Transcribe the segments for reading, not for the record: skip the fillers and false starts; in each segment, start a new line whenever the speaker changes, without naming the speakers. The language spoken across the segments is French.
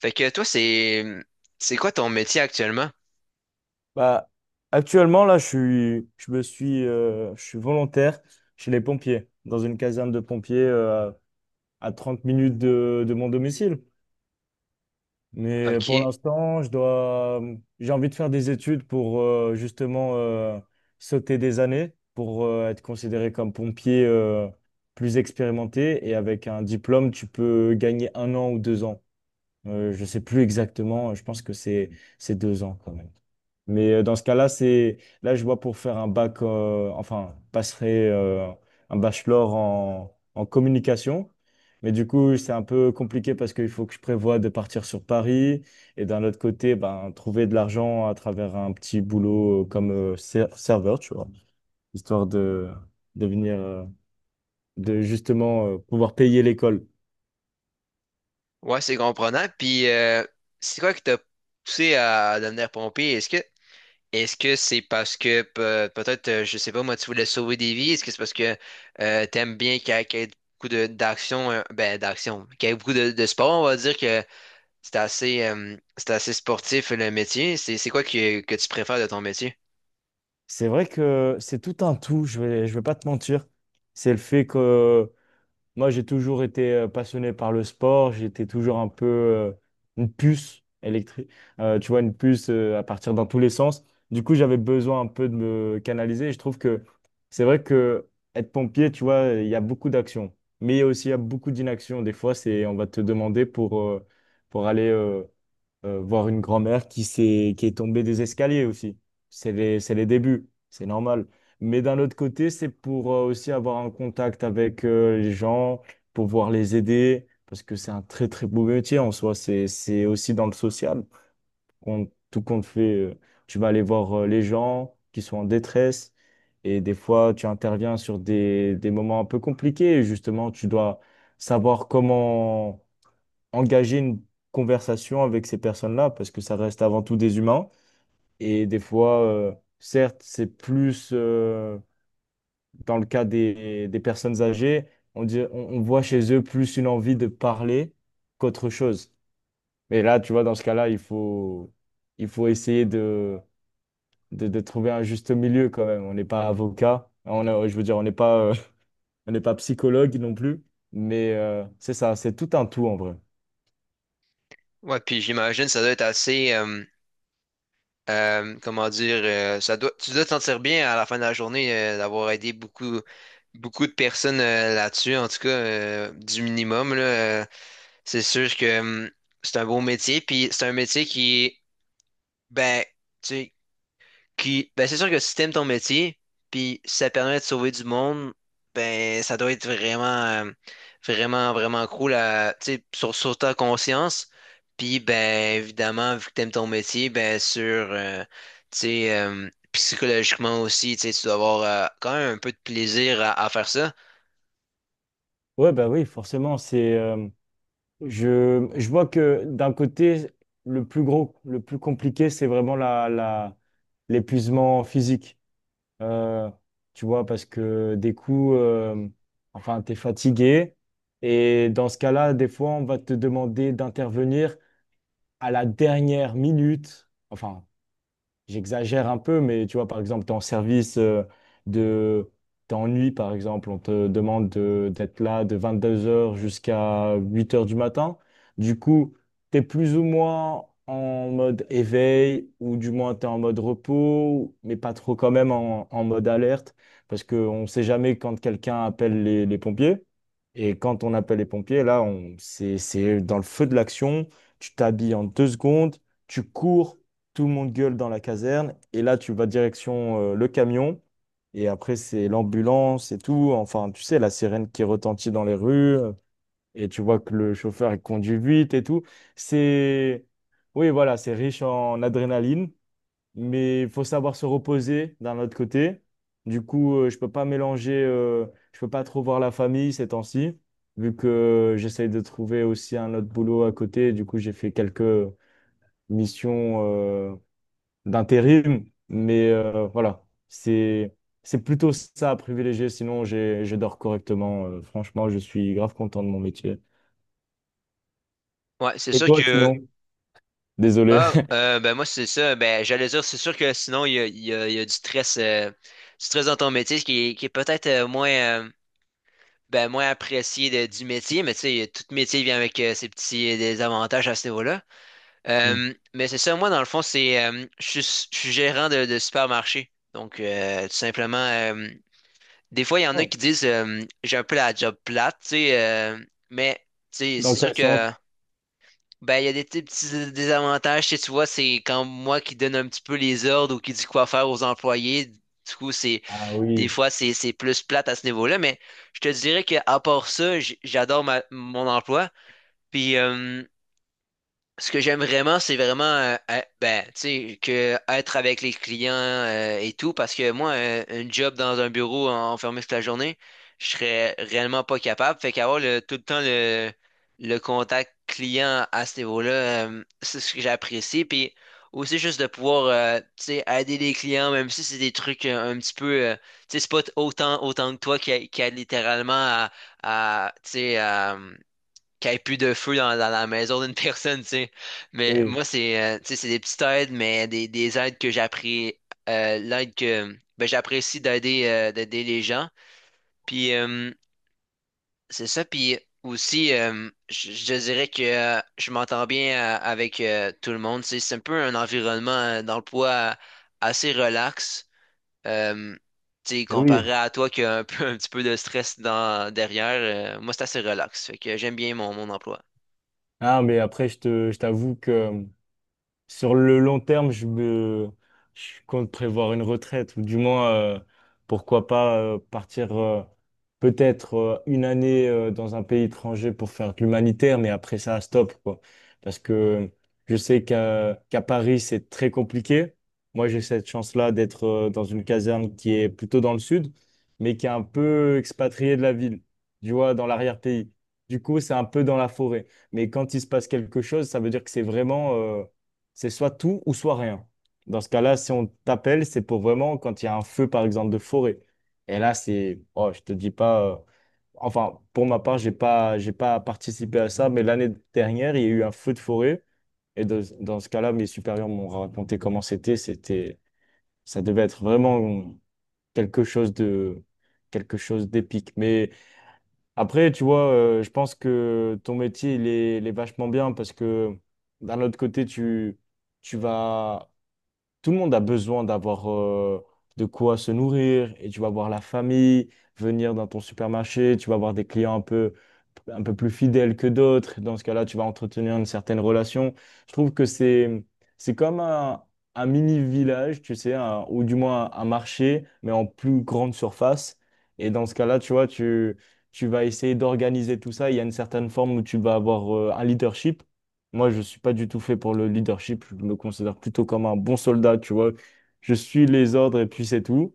Fait que toi, c'est quoi ton métier actuellement?
Bah, actuellement, là, je suis, je me suis, je suis volontaire chez les pompiers, dans une caserne de pompiers à 30 minutes de mon domicile. Mais pour
OK.
l'instant, j'ai envie de faire des études pour justement sauter des années, pour être considéré comme pompier plus expérimenté. Et avec un diplôme, tu peux gagner un an ou 2 ans. Je sais plus exactement, je pense que c'est 2 ans quand même. Mais dans ce cas-là, c'est là je vois pour faire un bac, enfin passerai un bachelor en communication. Mais du coup, c'est un peu compliqué parce qu'il faut que je prévoie de partir sur Paris et d'un autre côté, ben, trouver de l'argent à travers un petit boulot comme serveur, tu vois, histoire de de venir, de justement pouvoir payer l'école.
Ouais, c'est comprenant. Puis c'est quoi qui t'a poussé à devenir pompier? Est-ce que c'est parce que peut-être, je sais pas, moi, tu voulais sauver des vies? Est-ce que c'est parce que t'aimes bien qu'il y ait beaucoup de d'action, ben d'action, qu'il y ait beaucoup de sport, on va dire que c'est assez sportif le métier. C'est quoi que tu préfères de ton métier?
C'est vrai que c'est tout un tout, je vais pas te mentir. C'est le fait que moi, j'ai toujours été passionné par le sport, j'étais toujours un peu une puce électrique, tu vois, une puce à partir dans tous les sens. Du coup, j'avais besoin un peu de me canaliser et je trouve que c'est vrai que être pompier, tu vois, il y a beaucoup d'actions, mais il y a beaucoup d'inaction. Des fois, c'est on va te demander pour aller voir une grand-mère qui est tombée des escaliers aussi. C'est les débuts, c'est normal. Mais d'un autre côté, c'est pour aussi avoir un contact avec les gens, pouvoir les aider, parce que c'est un très très beau métier en soi. C'est aussi dans le social. Qu'on- tout compte fait, euh, tu vas aller voir les gens qui sont en détresse. Et des fois, tu interviens sur des moments un peu compliqués. Justement, tu dois savoir comment engager une conversation avec ces personnes-là parce que ça reste avant tout des humains. Et des fois, certes, c'est plus dans le cas des personnes âgées, on voit chez eux plus une envie de parler qu'autre chose. Mais là, tu vois, dans ce cas-là, il faut essayer de trouver un juste milieu quand même. On n'est pas avocat, je veux dire, on n'est pas, on n'est pas psychologue non plus. Mais c'est ça, c'est tout un tout en vrai.
Ouais, puis j'imagine ça doit être assez comment dire, ça doit, tu dois te sentir bien à la fin de la journée d'avoir aidé beaucoup, beaucoup de personnes là-dessus, en tout cas, du minimum, là, c'est sûr que c'est un beau métier, puis c'est un métier qui, ben, tu sais, puis, ben, c'est sûr que si t'aimes ton métier, puis si ça permet de sauver du monde, ben, ça doit être vraiment, euh, vraiment, vraiment cool à, tu sais, sur ta conscience. Puis, ben, évidemment, vu que t'aimes ton métier, ben, tu sais, psychologiquement aussi, tu sais, tu dois avoir quand même un peu de plaisir à faire ça.
Ouais, bah oui, forcément, c'est je vois que d'un côté, le plus compliqué, c'est vraiment l'épuisement physique. Euh, tu vois, parce que des coups, enfin, tu es fatigué. Et dans ce cas-là, des fois, on va te demander d'intervenir à la dernière minute. J'exagère un peu, mais tu vois, par exemple, tu es en service de... T'es en nuit, par exemple, on te demande d'être là de 22 heures jusqu'à 8 heures du matin. Du coup, tu es plus ou moins en mode éveil, ou du moins tu es en mode repos, mais pas trop quand même en mode alerte, parce qu'on ne sait jamais quand quelqu'un appelle les pompiers. Et quand on appelle les pompiers, c'est dans le feu de l'action, tu t'habilles en 2 secondes, tu cours tout le monde gueule dans la caserne, et là, tu vas direction le camion, et après, c'est l'ambulance et tout. Enfin, tu sais, la sirène qui retentit dans les rues, et tu vois que le chauffeur, il conduit vite et tout. C'est, oui, voilà, c'est riche en adrénaline, mais il faut savoir se reposer d'un autre côté. Du coup, je peux pas mélanger, je peux pas trop voir la famille ces temps-ci, vu que j'essaye de trouver aussi un autre boulot à côté. Du coup, j'ai fait quelques missions d'intérim. Mais voilà, c'est plutôt ça à privilégier. Sinon, je dors correctement. Franchement, je suis grave content de mon métier.
Ouais, c'est
Et
sûr
toi,
que
sinon? Désolé.
ah, ben moi, c'est ça. Ben, j'allais dire, c'est sûr que sinon, il y a du stress dans ton métier, qui est peut-être moins, ben, moins apprécié du métier, mais tu sais, tout métier vient avec ses petits désavantages à ce niveau-là.
Mm.
Mais c'est ça, moi, dans le fond, je suis gérant de supermarché. Donc, tout simplement, des fois, il y en a
Oh.
qui disent, j'ai un peu la job plate, tu sais, mais tu sais,
Dans
c'est sûr
quel sens?
que. Ben, il y a des petits désavantages, tu sais, tu vois, c'est quand moi qui donne un petit peu les ordres ou qui dit quoi faire aux employés. Du coup, c'est
Ah
des
oui,
fois c'est plus plate à ce niveau-là, mais je te dirais qu'à part ça, j'adore mon emploi. Puis Ce que j'aime vraiment, c'est vraiment ben, tu sais, que être avec les clients et tout, parce que moi, un job dans un bureau enfermé toute la journée, je serais réellement pas capable. Fait qu'avoir tout le temps le contact client à ce niveau-là, c'est ce que j'apprécie. Puis aussi juste de pouvoir tu sais, aider les clients, même si c'est des trucs un petit peu tu sais, c'est pas autant que toi qui aide littéralement à tu sais, à qu'il n'y ait plus de feu dans, dans la maison d'une personne, tu sais. Mais
oui,
moi, c'est tu sais, c'est des petites aides, mais des aides que j'apprécie l'aide que ben, j'apprécie d'aider d'aider les gens. Puis C'est ça, puis aussi je dirais que je m'entends bien avec tout le monde. Tu sais. C'est un peu un environnement dans le poids assez relax. Euh, Tu sais,
et oui.
comparé à toi qui a un peu un petit peu de stress dans derrière, moi c'est assez relax. Fait que j'aime bien mon emploi.
Ah, mais après, je t'avoue que sur le long terme, je compte prévoir une retraite, ou du moins, pourquoi pas partir peut-être une année dans un pays étranger pour faire de l'humanitaire, mais après ça, stop, quoi. Parce que je sais qu'à Paris, c'est très compliqué. Moi, j'ai cette chance-là d'être dans une caserne qui est plutôt dans le sud, mais qui est un peu expatriée de la ville, tu vois, dans l'arrière-pays. Du coup, c'est un peu dans la forêt. Mais quand il se passe quelque chose, ça veut dire que c'est vraiment c'est soit tout ou soit rien. Dans ce cas-là, si on t'appelle, c'est pour vraiment quand il y a un feu, par exemple, de forêt. Et là, c'est, oh, je te dis pas, enfin, pour ma part, j'ai pas participé à ça, mais l'année dernière, il y a eu un feu de forêt. Dans ce cas-là, mes supérieurs m'ont raconté comment c'était. C'était, ça devait être vraiment quelque chose de, quelque chose d'épique. Mais après, tu vois, je pense que ton métier, il est vachement bien parce que d'un autre côté, tu vas tout le monde a besoin d'avoir de quoi se nourrir et tu vas voir la famille venir dans ton supermarché, tu vas avoir des clients un peu plus fidèles que d'autres. Dans ce cas-là, tu vas entretenir une certaine relation. Je trouve que c'est comme un mini village, tu sais, ou du moins un marché, mais en plus grande surface. Et dans ce cas-là, tu vas essayer d'organiser tout ça. Il y a une certaine forme où tu vas avoir un leadership. Moi, je suis pas du tout fait pour le leadership. Je me considère plutôt comme un bon soldat, tu vois. Je suis les ordres et puis c'est tout.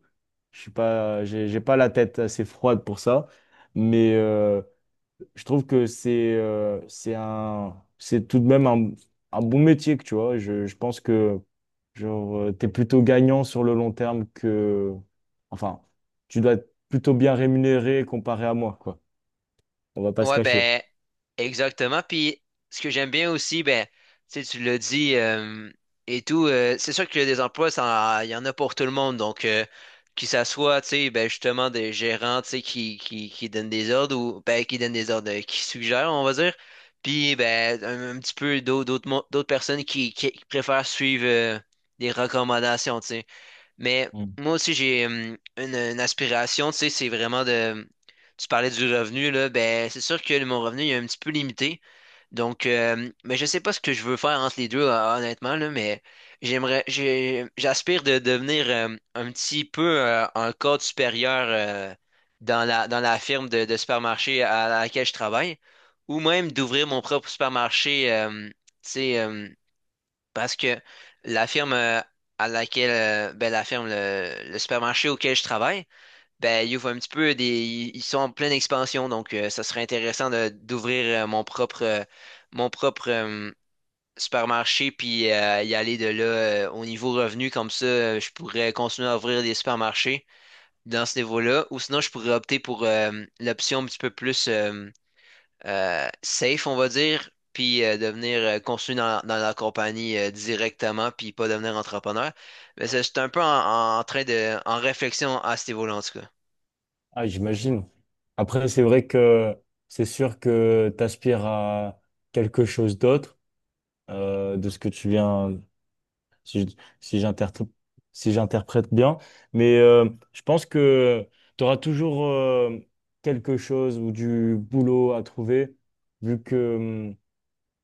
Je suis pas, j'ai pas la tête assez froide pour ça. Mais je trouve que c'est tout de même un bon métier, que tu vois. Je pense que genre t'es plutôt gagnant sur le long terme que, enfin, tu dois être plutôt bien rémunéré comparé à moi, quoi. On va pas se
Ouais,
cacher.
ben, exactement. Puis, ce que j'aime bien aussi, ben, tu sais, tu l'as dit et tout, c'est sûr que des emplois, ça, il y en a pour tout le monde. Donc, qu'il s'assoit, tu sais, ben, justement, des gérants, tu sais, qui donnent des ordres ou, ben, qui donnent des ordres, qui suggèrent, on va dire. Puis, ben, un petit peu d'autres, d'autres personnes qui préfèrent suivre des recommandations, tu sais. Mais moi aussi, j'ai une aspiration, tu sais, c'est vraiment de... Tu parlais du revenu, là, ben c'est sûr que mon revenu il est un petit peu limité. Donc, mais je sais pas ce que je veux faire entre les deux, honnêtement, là, mais j'aspire de devenir un petit peu un cadre supérieur dans la firme de supermarché à laquelle je travaille, ou même d'ouvrir mon propre supermarché, tu sais, parce que la firme à laquelle, ben, la firme, le supermarché auquel je travaille, ben, ils ouvrent un petit peu des, ils sont en pleine expansion, donc ça serait intéressant d'ouvrir mon propre supermarché puis y aller de là au niveau revenu, comme ça, je pourrais continuer à ouvrir des supermarchés dans ce niveau-là, ou sinon je pourrais opter pour l'option un petit peu plus safe, on va dire, puis devenir continuer dans la compagnie directement, puis pas devenir entrepreneur. Mais c'est un peu en train en réflexion à ce niveau-là, en tout cas.
Ah, j'imagine. Après, c'est vrai que c'est sûr que tu aspires à quelque chose d'autre de ce que tu viens, si, je- si j'interpr- si j'interprète bien. Mais je pense que tu auras toujours quelque chose ou du boulot à trouver, vu que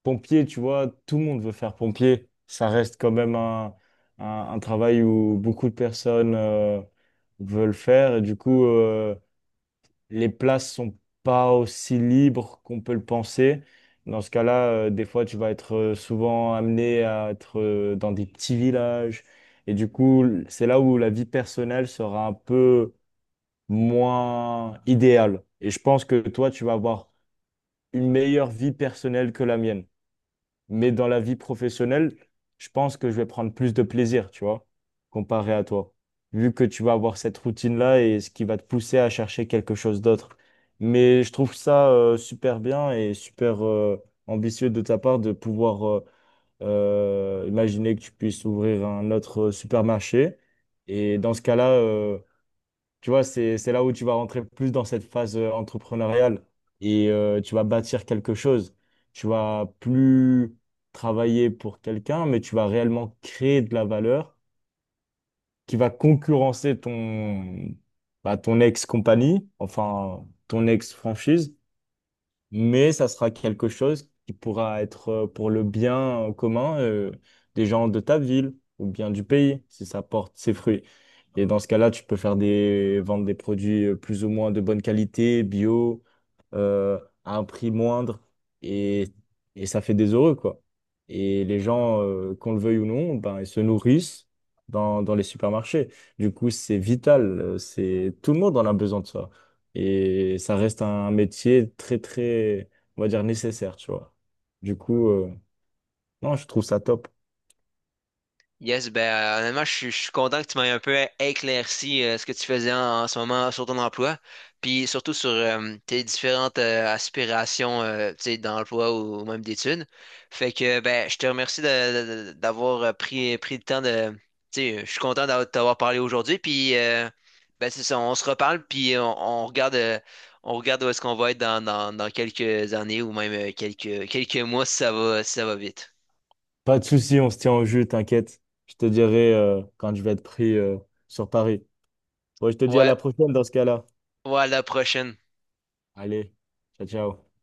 pompier, tu vois, tout le monde veut faire pompier. Ça reste quand même un, un travail où beaucoup de personnes veulent faire. Et du coup, les places sont pas aussi libres qu'on peut le penser. Dans ce cas-là, des fois, tu vas être souvent amené à être dans des petits villages. Et du coup, c'est là où la vie personnelle sera un peu moins idéale. Et je pense que toi, tu vas avoir une meilleure vie personnelle que la mienne. Mais dans la vie professionnelle, je pense que je vais prendre plus de plaisir, tu vois, comparé à toi. Vu que tu vas avoir cette routine-là et ce qui va te pousser à chercher quelque chose d'autre. Mais je trouve ça super bien et super ambitieux de ta part de pouvoir imaginer que tu puisses ouvrir un autre supermarché. Et dans ce cas-là, tu vois, c'est là où tu vas rentrer plus dans cette phase entrepreneuriale et tu vas bâtir quelque chose. Tu vas plus travailler pour quelqu'un, mais tu vas réellement créer de la valeur qui va concurrencer ton ex-compagnie, enfin ton ex-franchise mais ça sera quelque chose qui pourra être pour le bien commun des gens de ta ville ou bien du pays, si ça porte ses fruits. Et dans ce cas-là, tu peux faire vendre des produits plus ou moins de bonne qualité, bio, euh, à un prix moindre, et, et ça fait des heureux, quoi. Et les gens, qu'on le veuille ou non, ben, ils se nourrissent dans les supermarchés. Du coup, c'est vital, tout le monde en a besoin de ça. Et ça reste un métier très, très, on va dire, nécessaire, tu vois. Du coup, non, je trouve ça top.
Yes, ben honnêtement, je suis content que tu m'aies un peu éclairci ce que tu faisais en, en ce moment sur ton emploi, puis surtout sur tes différentes aspirations tu sais, d'emploi ou même d'études. Fait que ben je te remercie d'avoir pris le temps de. Tu sais, je suis content d'avoir- de t'avoir parlé aujourd'hui, puis ben c'est ça, on se reparle, puis on regarde où est-ce qu'on va être dans quelques années ou même quelques, quelques mois si ça va si ça va vite.
Pas de souci, on se tient au jus, t'inquiète. Je te dirai quand je vais être pris sur Paris. Bon, je te dis à
Ouais,
la prochaine dans ce cas-là.
ouais, à la prochaine.
Allez, ciao, ciao.